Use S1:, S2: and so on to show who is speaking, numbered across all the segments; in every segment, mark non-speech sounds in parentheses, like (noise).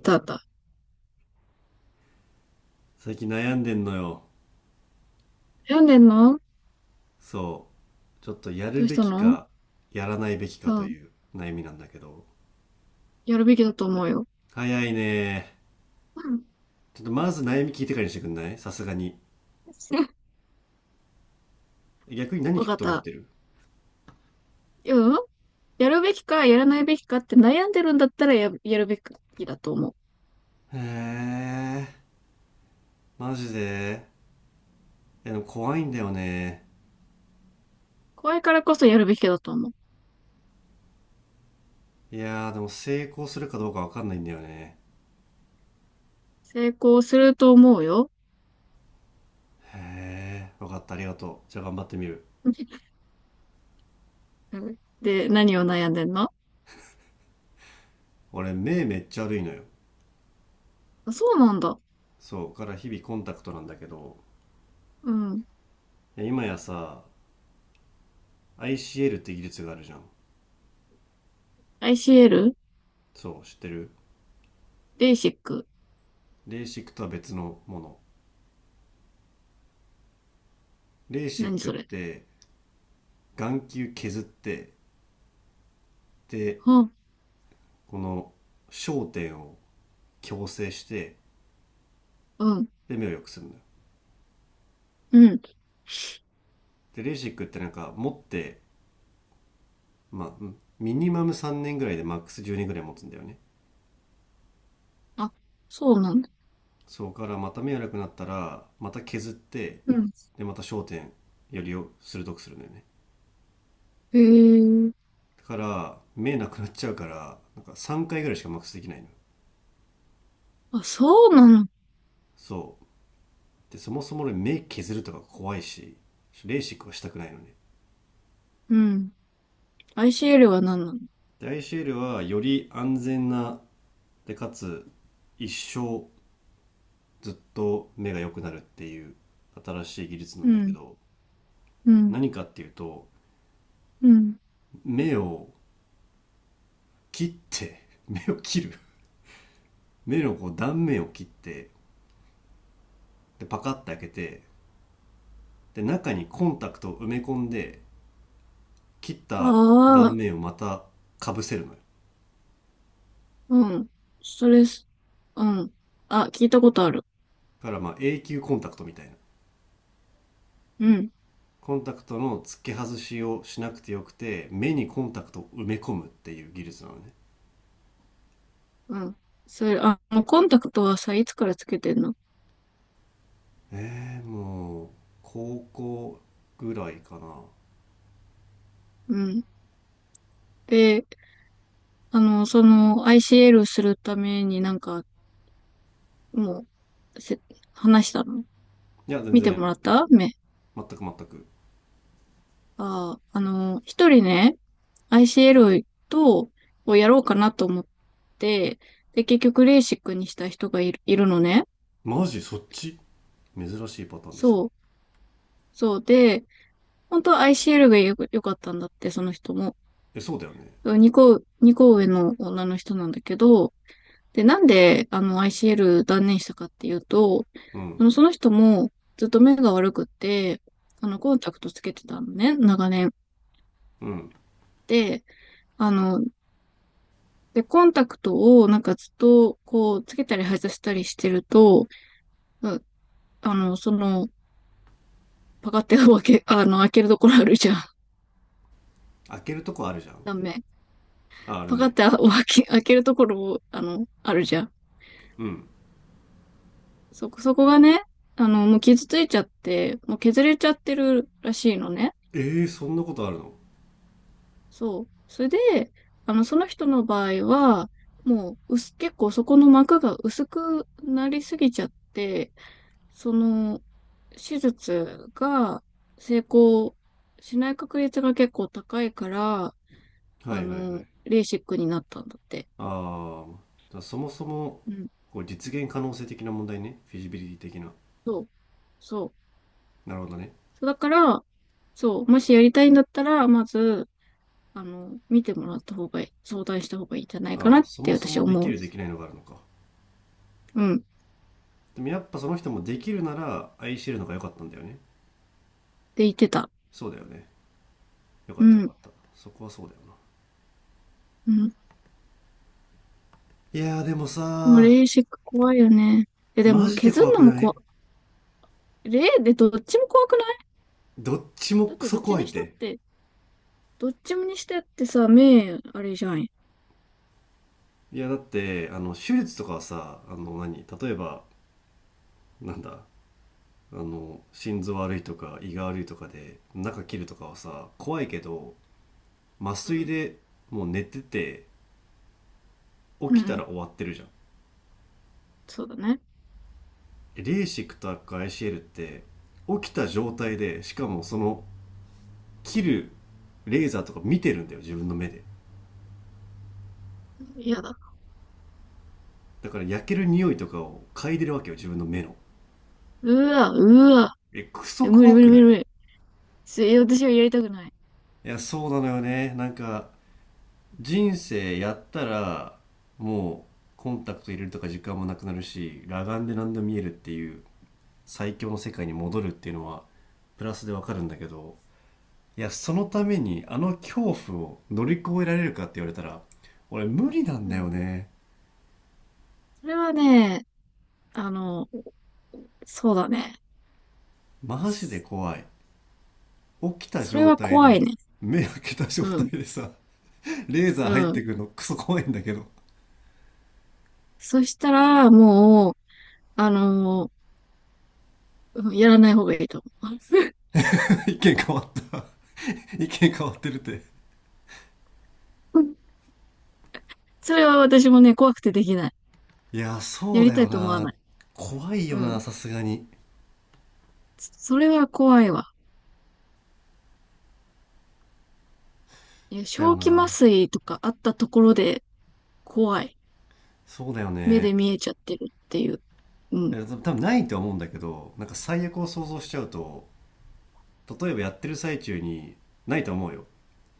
S1: あったあった。
S2: 最近悩んでんのよ。
S1: 病んでんの？
S2: そう。ちょっとやる
S1: どうし
S2: べ
S1: た
S2: き
S1: の？
S2: か、やらないべきか
S1: う
S2: と
S1: ん。
S2: いう悩みなんだけど。
S1: やるべきだと思うよ。
S2: 早いね。
S1: うん。
S2: ちょっとまず悩み聞いてからにしてくんないさすがに。
S1: (laughs)
S2: 逆に何
S1: わ
S2: 聞
S1: か
S2: く
S1: っ
S2: と思っ
S1: た。
S2: てる？
S1: うん。やるべきか、やらないべきかって悩んでるんだったらやるべきだと思う。
S2: へえ、マジで。いやでも怖いんだよね。
S1: 怖いからこそやるべきだと思う。
S2: いやーでも成功するかどうかわかんないんだよね。
S1: 成功すると思うよ。
S2: へえ、わかった、ありがとう。じゃあ頑張ってみる。
S1: うん。で、何を悩んでんの？
S2: 俺目めっちゃ悪いのよ。
S1: あ、そうなんだ。
S2: そう、から日々コンタクトなんだけど、
S1: うん。
S2: いや今やさ、ICL って技術があるじゃん。
S1: ICL？
S2: そう、知ってる。
S1: ベーシック。
S2: レーシックとは別のもの。レーシ
S1: 何
S2: ックっ
S1: それ？
S2: て眼球削って、で、
S1: は
S2: この焦点を矯正して、
S1: あ、うん。
S2: で、目を良くするのよ。
S1: うん。
S2: で、レーシックってなんか持って、まあ、うんミニマム3年ぐらいでマックス10年ぐらい持つんだよね。
S1: あ、そうなんだ。
S2: そこからまた目悪くなったら、また削って、
S1: うん。
S2: で、また焦点よりを鋭くするんだよね。
S1: へえ。
S2: だから、目なくなっちゃうから、なんか3回ぐらいしかマックスできないの。
S1: あ、そうなの？
S2: そでそもそも俺目削るとか怖いし、レーシックはしたくないのね。
S1: うん。ICL は何なの？
S2: で ICL はより安全な、でかつ一生ずっと目が良くなるっていう新しい技術な
S1: う
S2: んだけ
S1: ん、
S2: ど、
S1: うん、
S2: 何かっていうと
S1: うん。
S2: 目を切って (laughs) 目を切る、目のこう断面を切って、でパカッて開けて、で中にコンタクトを埋め込んで、切っ
S1: あ
S2: た断
S1: あ、
S2: 面をまたかぶせるのよ。だ
S1: うん。それす、うん。あ、聞いたことある。
S2: からまあ永久コンタクトみたいな、
S1: うん、
S2: コンタクトの付け外しをしなくてよくて目にコンタクトを埋め込むっていう技術なのね。
S1: うん。それ、コンタクトはさ、いつからつけてんの？
S2: もう高校ぐらいかな。
S1: うん。で、ICL するためになんか、もう、せ、話したの？
S2: いや全
S1: 見て
S2: 然、
S1: もらった、目？
S2: 全く。
S1: ああ、一人ね、ICL と、をやろうかなと思って、で、結局、レーシックにした人がいる、いるのね。
S2: マジそっち珍しいパターンですね。
S1: そう。そうで、本当は ICL が良かったんだって、その人も。
S2: えそうだよね。
S1: 2個、二個上の女の人なんだけど、で、なんで、ICL 断念したかっていうと、
S2: うん
S1: その人もずっと目が悪くって、コンタクトつけてたのね、長年。
S2: うん。
S1: で、あの、コンタクトをなんかずっと、こう、つけたり外したりしてると、あの、その、パカって開けるところあるじゃん。
S2: 開けるとこあるじゃん。
S1: ダメ。
S2: あある
S1: パカっ
S2: ね。
S1: て開けるところ、あるじゃん。
S2: うん。
S1: そこがね、もう傷ついちゃって、もう削れちゃってるらしいのね。
S2: えー、そんなことあるの？
S1: そう。それで、その人の場合は、もう、薄、結構そこの膜が薄くなりすぎちゃって、その、手術が成功しない確率が結構高いから、
S2: はいはいはい。
S1: レーシックになったんだって。
S2: あー、じゃあそもそも
S1: うん。
S2: こう実現可能性的な問題ね、フィジビリティ的な。
S1: そう。そ
S2: なるほどね。
S1: う。だから、そう、もしやりたいんだったら、まず、見てもらった方がいい、相談した方がいいんじゃないか
S2: あ
S1: な
S2: あ、
S1: っ
S2: そ
S1: て
S2: もそ
S1: 私
S2: もでき
S1: 思う。
S2: るできないのがあるのか。
S1: うん。っ
S2: でもやっぱその人もできるなら愛してるのが良かったんだよね。
S1: て言ってた。
S2: そうだよね。よか
S1: う
S2: ったよか
S1: ん。
S2: った。そこはそうだよな。
S1: うん。で
S2: いやーでもさ
S1: もレー
S2: ー、
S1: シック怖いよね。え、で
S2: マ
S1: も
S2: ジで
S1: 削
S2: 怖
S1: るの
S2: く
S1: も
S2: な
S1: 怖
S2: い？
S1: い。レーでどっちも怖くない？
S2: どっちも
S1: だっ
S2: ク
S1: てど
S2: ソ
S1: っち
S2: 怖いっ
S1: にしたっ
S2: て。
S1: て、どっちもにしてってさ、目、あれじゃん。
S2: いやだって、あの、手術とかはさ、あの何、例えば、なんだ、あの、心臓悪いとか胃が悪いとかで中切るとかはさ、怖いけど、麻
S1: う
S2: 酔
S1: ん。
S2: でもう寝てて
S1: う
S2: 起きた
S1: ん。
S2: ら終わってるじゃん。
S1: そうだね。
S2: レーシックとか ICL って起きた状態でしかもその切るレーザーとか見てるんだよ自分の目で。
S1: 嫌だ。
S2: だから焼ける匂いとかを嗅いでるわけよ自分の目の。
S1: うわ、うわ。
S2: えク
S1: え、
S2: ソ
S1: 無理
S2: 怖
S1: 無理
S2: く
S1: 無理
S2: ない？
S1: 無理。私はやりたくない。
S2: いやそうなのよね。なんか人生やったらもうコンタクト入れるとか時間もなくなるし、裸眼で何でも見えるっていう最強の世界に戻るっていうのはプラスでわかるんだけど、いや、そ
S1: う
S2: の
S1: ん。
S2: ためにあの恐怖を乗り越えられるかって言われたら、俺無理なん
S1: う
S2: だよ
S1: ん。
S2: ね。
S1: それはね、あの、そうだね。
S2: マジで怖い。起きた
S1: それ
S2: 状
S1: は
S2: 態
S1: 怖い
S2: で、
S1: ね。
S2: 目開けた状
S1: う
S2: 態
S1: ん。
S2: でさ、レーザ
S1: う
S2: ー入って
S1: ん。
S2: くるのクソ怖いんだけど。
S1: そしたら、もう、あのーうん、やらない方がいいと思う。
S2: (laughs) 意見変わった。(laughs) 意見変わってるって。
S1: (laughs) うん、それは私もね、怖くてできない。
S2: いや、そ
S1: や
S2: う
S1: り
S2: だ
S1: た
S2: よ
S1: いと思わ
S2: な。
S1: ない。
S2: 怖い
S1: う
S2: よな、
S1: ん。
S2: さすがに。
S1: それは怖いわ。いや、
S2: だよ
S1: 正気麻
S2: な。
S1: 酔とかあったところで怖い。
S2: そうだよ
S1: 目で
S2: ね。
S1: 見えちゃってるっていう。うん。
S2: え多分ないとは思うんだけど、なんか最悪を想像しちゃうと、例えばやってる最中に、ないと思うよ、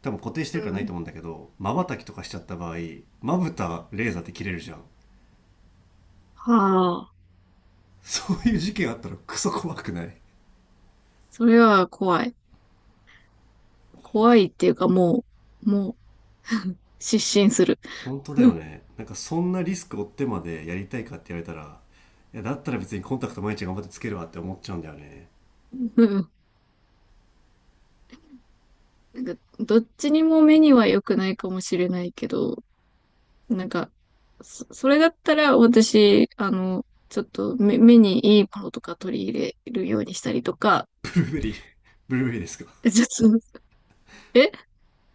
S2: 多分固定してる
S1: う
S2: からないと
S1: ん。
S2: 思うんだけど、まばたきとかしちゃった場合まぶたレーザーって切れるじゃん。
S1: はあ。
S2: そういう事件あったら (laughs) クソ怖くない？
S1: それは怖い。
S2: 怖
S1: 怖い
S2: い。
S1: っていうかもう、失神する。
S2: 本当だよね。なんかそんなリスク負ってまでやりたいかって言われたら、いやだったら別にコンタクト毎日頑張ってつけるわって思っちゃうんだよね。
S1: うん。なんか、どっちにも目には良くないかもしれないけど、なんか、それだったら私、ちょっと目にいいものとか取り入れるようにしたりとか、
S2: ブルーベリー (laughs) ブルーベリーですか？
S1: (laughs) ちょっと、え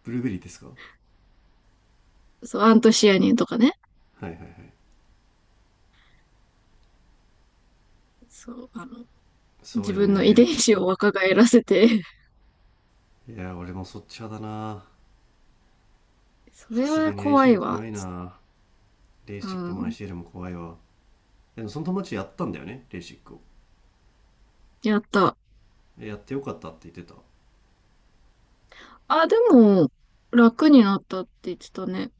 S2: ブルーベリーですかは
S1: そう、アントシアニンとかね。
S2: いはいはい。
S1: そう、
S2: そう
S1: 自
S2: よ
S1: 分の遺伝
S2: ね。
S1: 子を若返らせて、
S2: いや俺もそっち派だな。
S1: (laughs) そ
S2: さ
S1: れ
S2: すが
S1: は
S2: にアイ
S1: 怖
S2: シェ
S1: い
S2: ル
S1: わ。
S2: 怖いな。レー
S1: う
S2: シックもアイ
S1: ん、
S2: シェルも怖いわ。その友達やったんだよねレーシックを。
S1: やった。
S2: でやってよかったって言ってた。
S1: あ、でも、楽になったって言ってたね。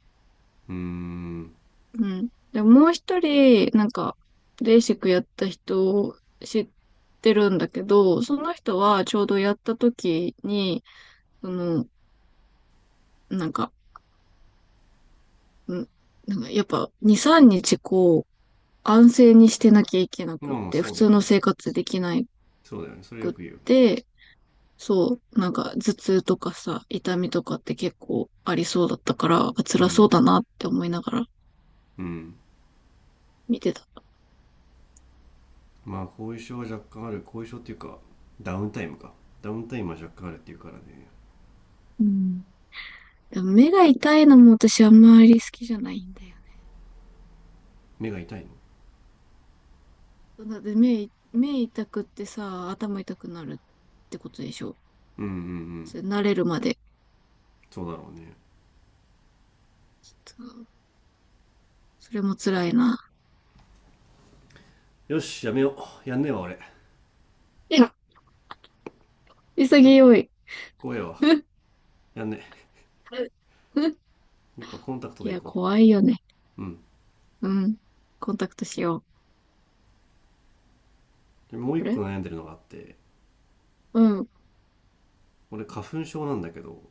S2: うーん。
S1: うん。でも、もう一人、なんか、レーシックやった人を知ってるんだけど、その人はちょうどやった時に、その、なんか、んなんかやっぱ2、3日こう、安静にしてなきゃいけなくっ
S2: まあ
S1: て、
S2: そ
S1: 普
S2: うだよ
S1: 通の
S2: ね。
S1: 生活できな
S2: そうだよねそれよ
S1: くっ
S2: く言う。
S1: て、そう、なんか頭痛とかさ、痛みとかって結構ありそうだったから、あ、
S2: う
S1: 辛そう
S2: ん
S1: だなって思いながら
S2: うん。
S1: 見てた。
S2: まあ後遺症は若干ある、後遺症っていうかダウンタイムか、ダウンタイムは若干あるっていうからね。
S1: うん。でも目が痛いのも私あんまり好きじゃないんだよね。
S2: 目が痛いの？
S1: そうだって目痛くってさ、頭痛くなるってことでしょ。
S2: うんうんうん。
S1: それ慣れるまで。
S2: そうだろうね。
S1: そう。それも辛いな。
S2: よしやめよ。うやんねえわ俺。
S1: いや、
S2: ちょっと
S1: 潔い。
S2: 怖えわ。
S1: (laughs)
S2: やんねえ。やっぱコンタクト
S1: い
S2: でい
S1: や、
S2: こ。
S1: 怖いよね。
S2: うう、ん。
S1: うん。コンタクトしよう。
S2: でもう一
S1: こ
S2: 個
S1: れ。
S2: 悩んでるのがあって、
S1: うん。うん。
S2: 俺花粉症なんだけど、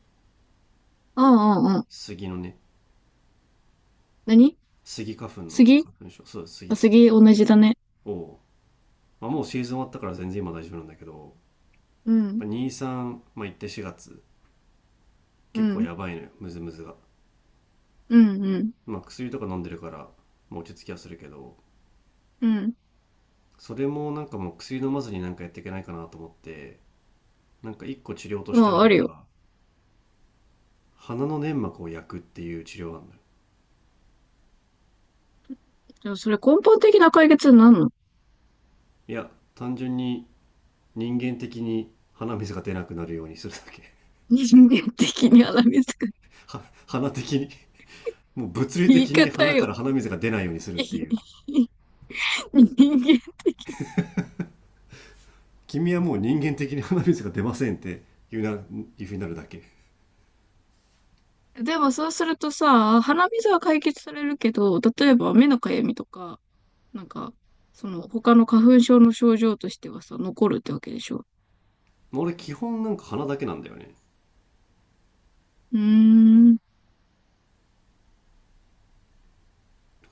S1: ああああ。
S2: 杉のね、
S1: 何？
S2: 杉花粉の
S1: 杉。
S2: 花粉症。そう杉
S1: あ、
S2: 杉
S1: 杉同じだね。
S2: を、まあ、もうシーズン終わったから全然今大丈夫なんだけど、
S1: うん。
S2: 2、3、さんまあ、行って4月
S1: う
S2: 結構
S1: ん。
S2: やばいのよムズムズが、
S1: うん。うん。
S2: まあ、薬とか飲んでるから、まあ、落ち着きはするけど、
S1: うん。
S2: それもなんかもう薬飲まずになんかやっていけないかなと思って、なんか1個治療と
S1: う
S2: してあ
S1: ん、
S2: る
S1: ある
S2: の
S1: よ。
S2: が鼻の粘膜を焼くっていう治療なんだよ。
S1: じゃそれ根本的な解決になんの？
S2: いや単純に、人間的に鼻水が出なくなるようにするだけ。
S1: 人間的にはみつ。
S2: は (laughs) 鼻的に、もう物理
S1: 言
S2: 的
S1: い
S2: に
S1: 方
S2: 鼻か
S1: よ。
S2: ら鼻水が出ないようにするっていう、
S1: 人間。
S2: 君はもう人間的に鼻水が出ませんって言うな、いうふうになるだけ。
S1: でもそうするとさ、鼻水は解決されるけど、例えば目のかゆみとか、なんか、その他の花粉症の症状としてはさ、残るってわけでしょ？
S2: 俺基本なんか鼻だけなんだよね。
S1: うーん。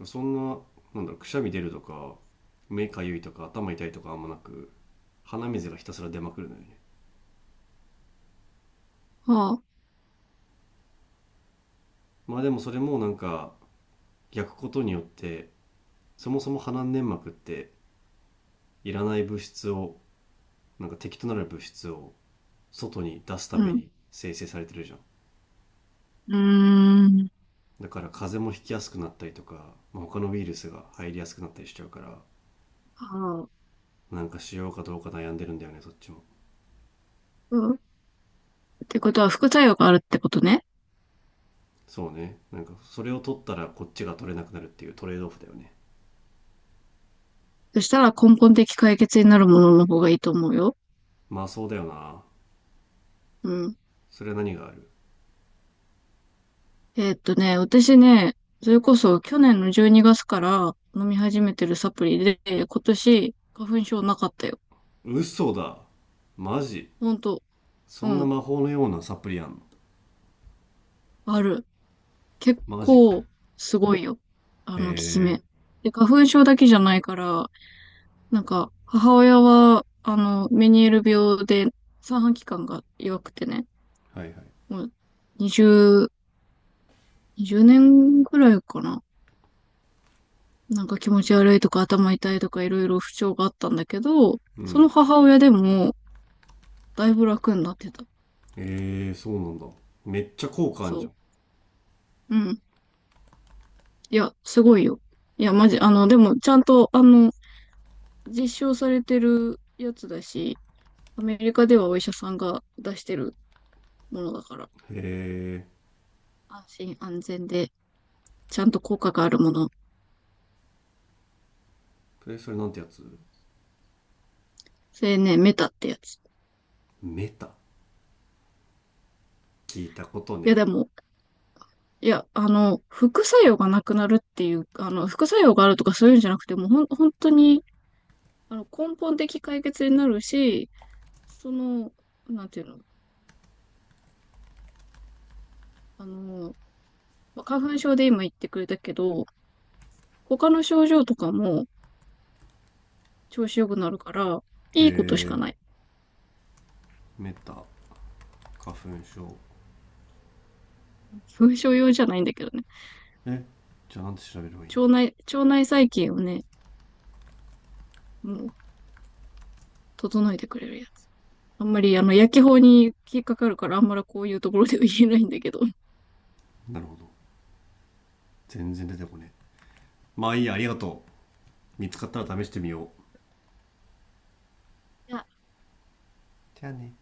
S2: そんな、なんだろう、くしゃみ出るとか目かゆいとか頭痛いとかあんまなく、鼻水がひたすら出まくるのよね。
S1: はあ、
S2: まあでもそれもなんか焼くことによって、そもそも鼻粘膜っていらない物質を、なんか敵となる物質を外に出すた
S1: う
S2: め
S1: ん。
S2: に生成されてるじゃん。
S1: うーん。
S2: だから風邪もひきやすくなったりとか、まあ、他のウイルスが入りやすくなったりしちゃうから、
S1: はあ、
S2: なんかしようかどうか悩んでるんだよねそっちも。
S1: うん。ってことは副作用があるってことね。
S2: そうね、なんかそれを取ったらこっちが取れなくなるっていうトレードオフだよね。
S1: そしたら根本的解決になるものの方がいいと思うよ。
S2: まあそうだよな。
S1: うん。
S2: それは何がある？
S1: 私ね、それこそ去年の12月から飲み始めてるサプリで、今年花粉症なかったよ。
S2: 嘘だ。マジ？
S1: ほんと。
S2: そ
S1: う
S2: んな
S1: ん。
S2: 魔法のようなサプリあんの？
S1: ある。結
S2: マジか。
S1: 構すごいよ。あ
S2: へ
S1: の効き目。で、花粉症だけじゃないから、なんか、母親は、メニエール病で、三半規管が弱くてね、
S2: え。はいはい。
S1: もう、20、20年ぐらいかな。なんか気持ち悪いとか頭痛いとかいろいろ不調があったんだけど、
S2: う
S1: その
S2: ん。
S1: 母親でも、だいぶ楽になってた。
S2: えー、そうなんだ。めっちゃ効果あん
S1: そ
S2: じゃ
S1: う。
S2: ん。
S1: うん。いや、すごいよ。いや、マジ、でも、ちゃんと、実証されてるやつだし、アメリカではお医者さんが出してるものだから、
S2: へえ。
S1: 安心安全で、ちゃんと効果があるもの。
S2: それなんてやつ？
S1: それね、メタってやつ。
S2: メタ。聞いたこと
S1: いや、
S2: ね。
S1: でも、いや、副作用がなくなるっていう、副作用があるとかそういうんじゃなくて、もうほん、本当に、根本的解決になるし、その、なんていうの、あの、まあ花粉症で今言ってくれたけど、他の症状とかも調子良くなるから、
S2: へ
S1: いいことしか
S2: え。
S1: ない。
S2: メタ花粉症？
S1: (laughs) 花粉症用じゃないんだけどね。
S2: え、じゃあなんて調べればいいんだ。
S1: 腸内細菌をね、もう、整えてくれるやつ。あんまり、薬機法に引っかかるから、あんまりこういうところでは言えないんだけど。い
S2: なるほど。全然出てこね。まあいいやありがとう。見つかったら試してみよう。
S1: や、
S2: じゃあね。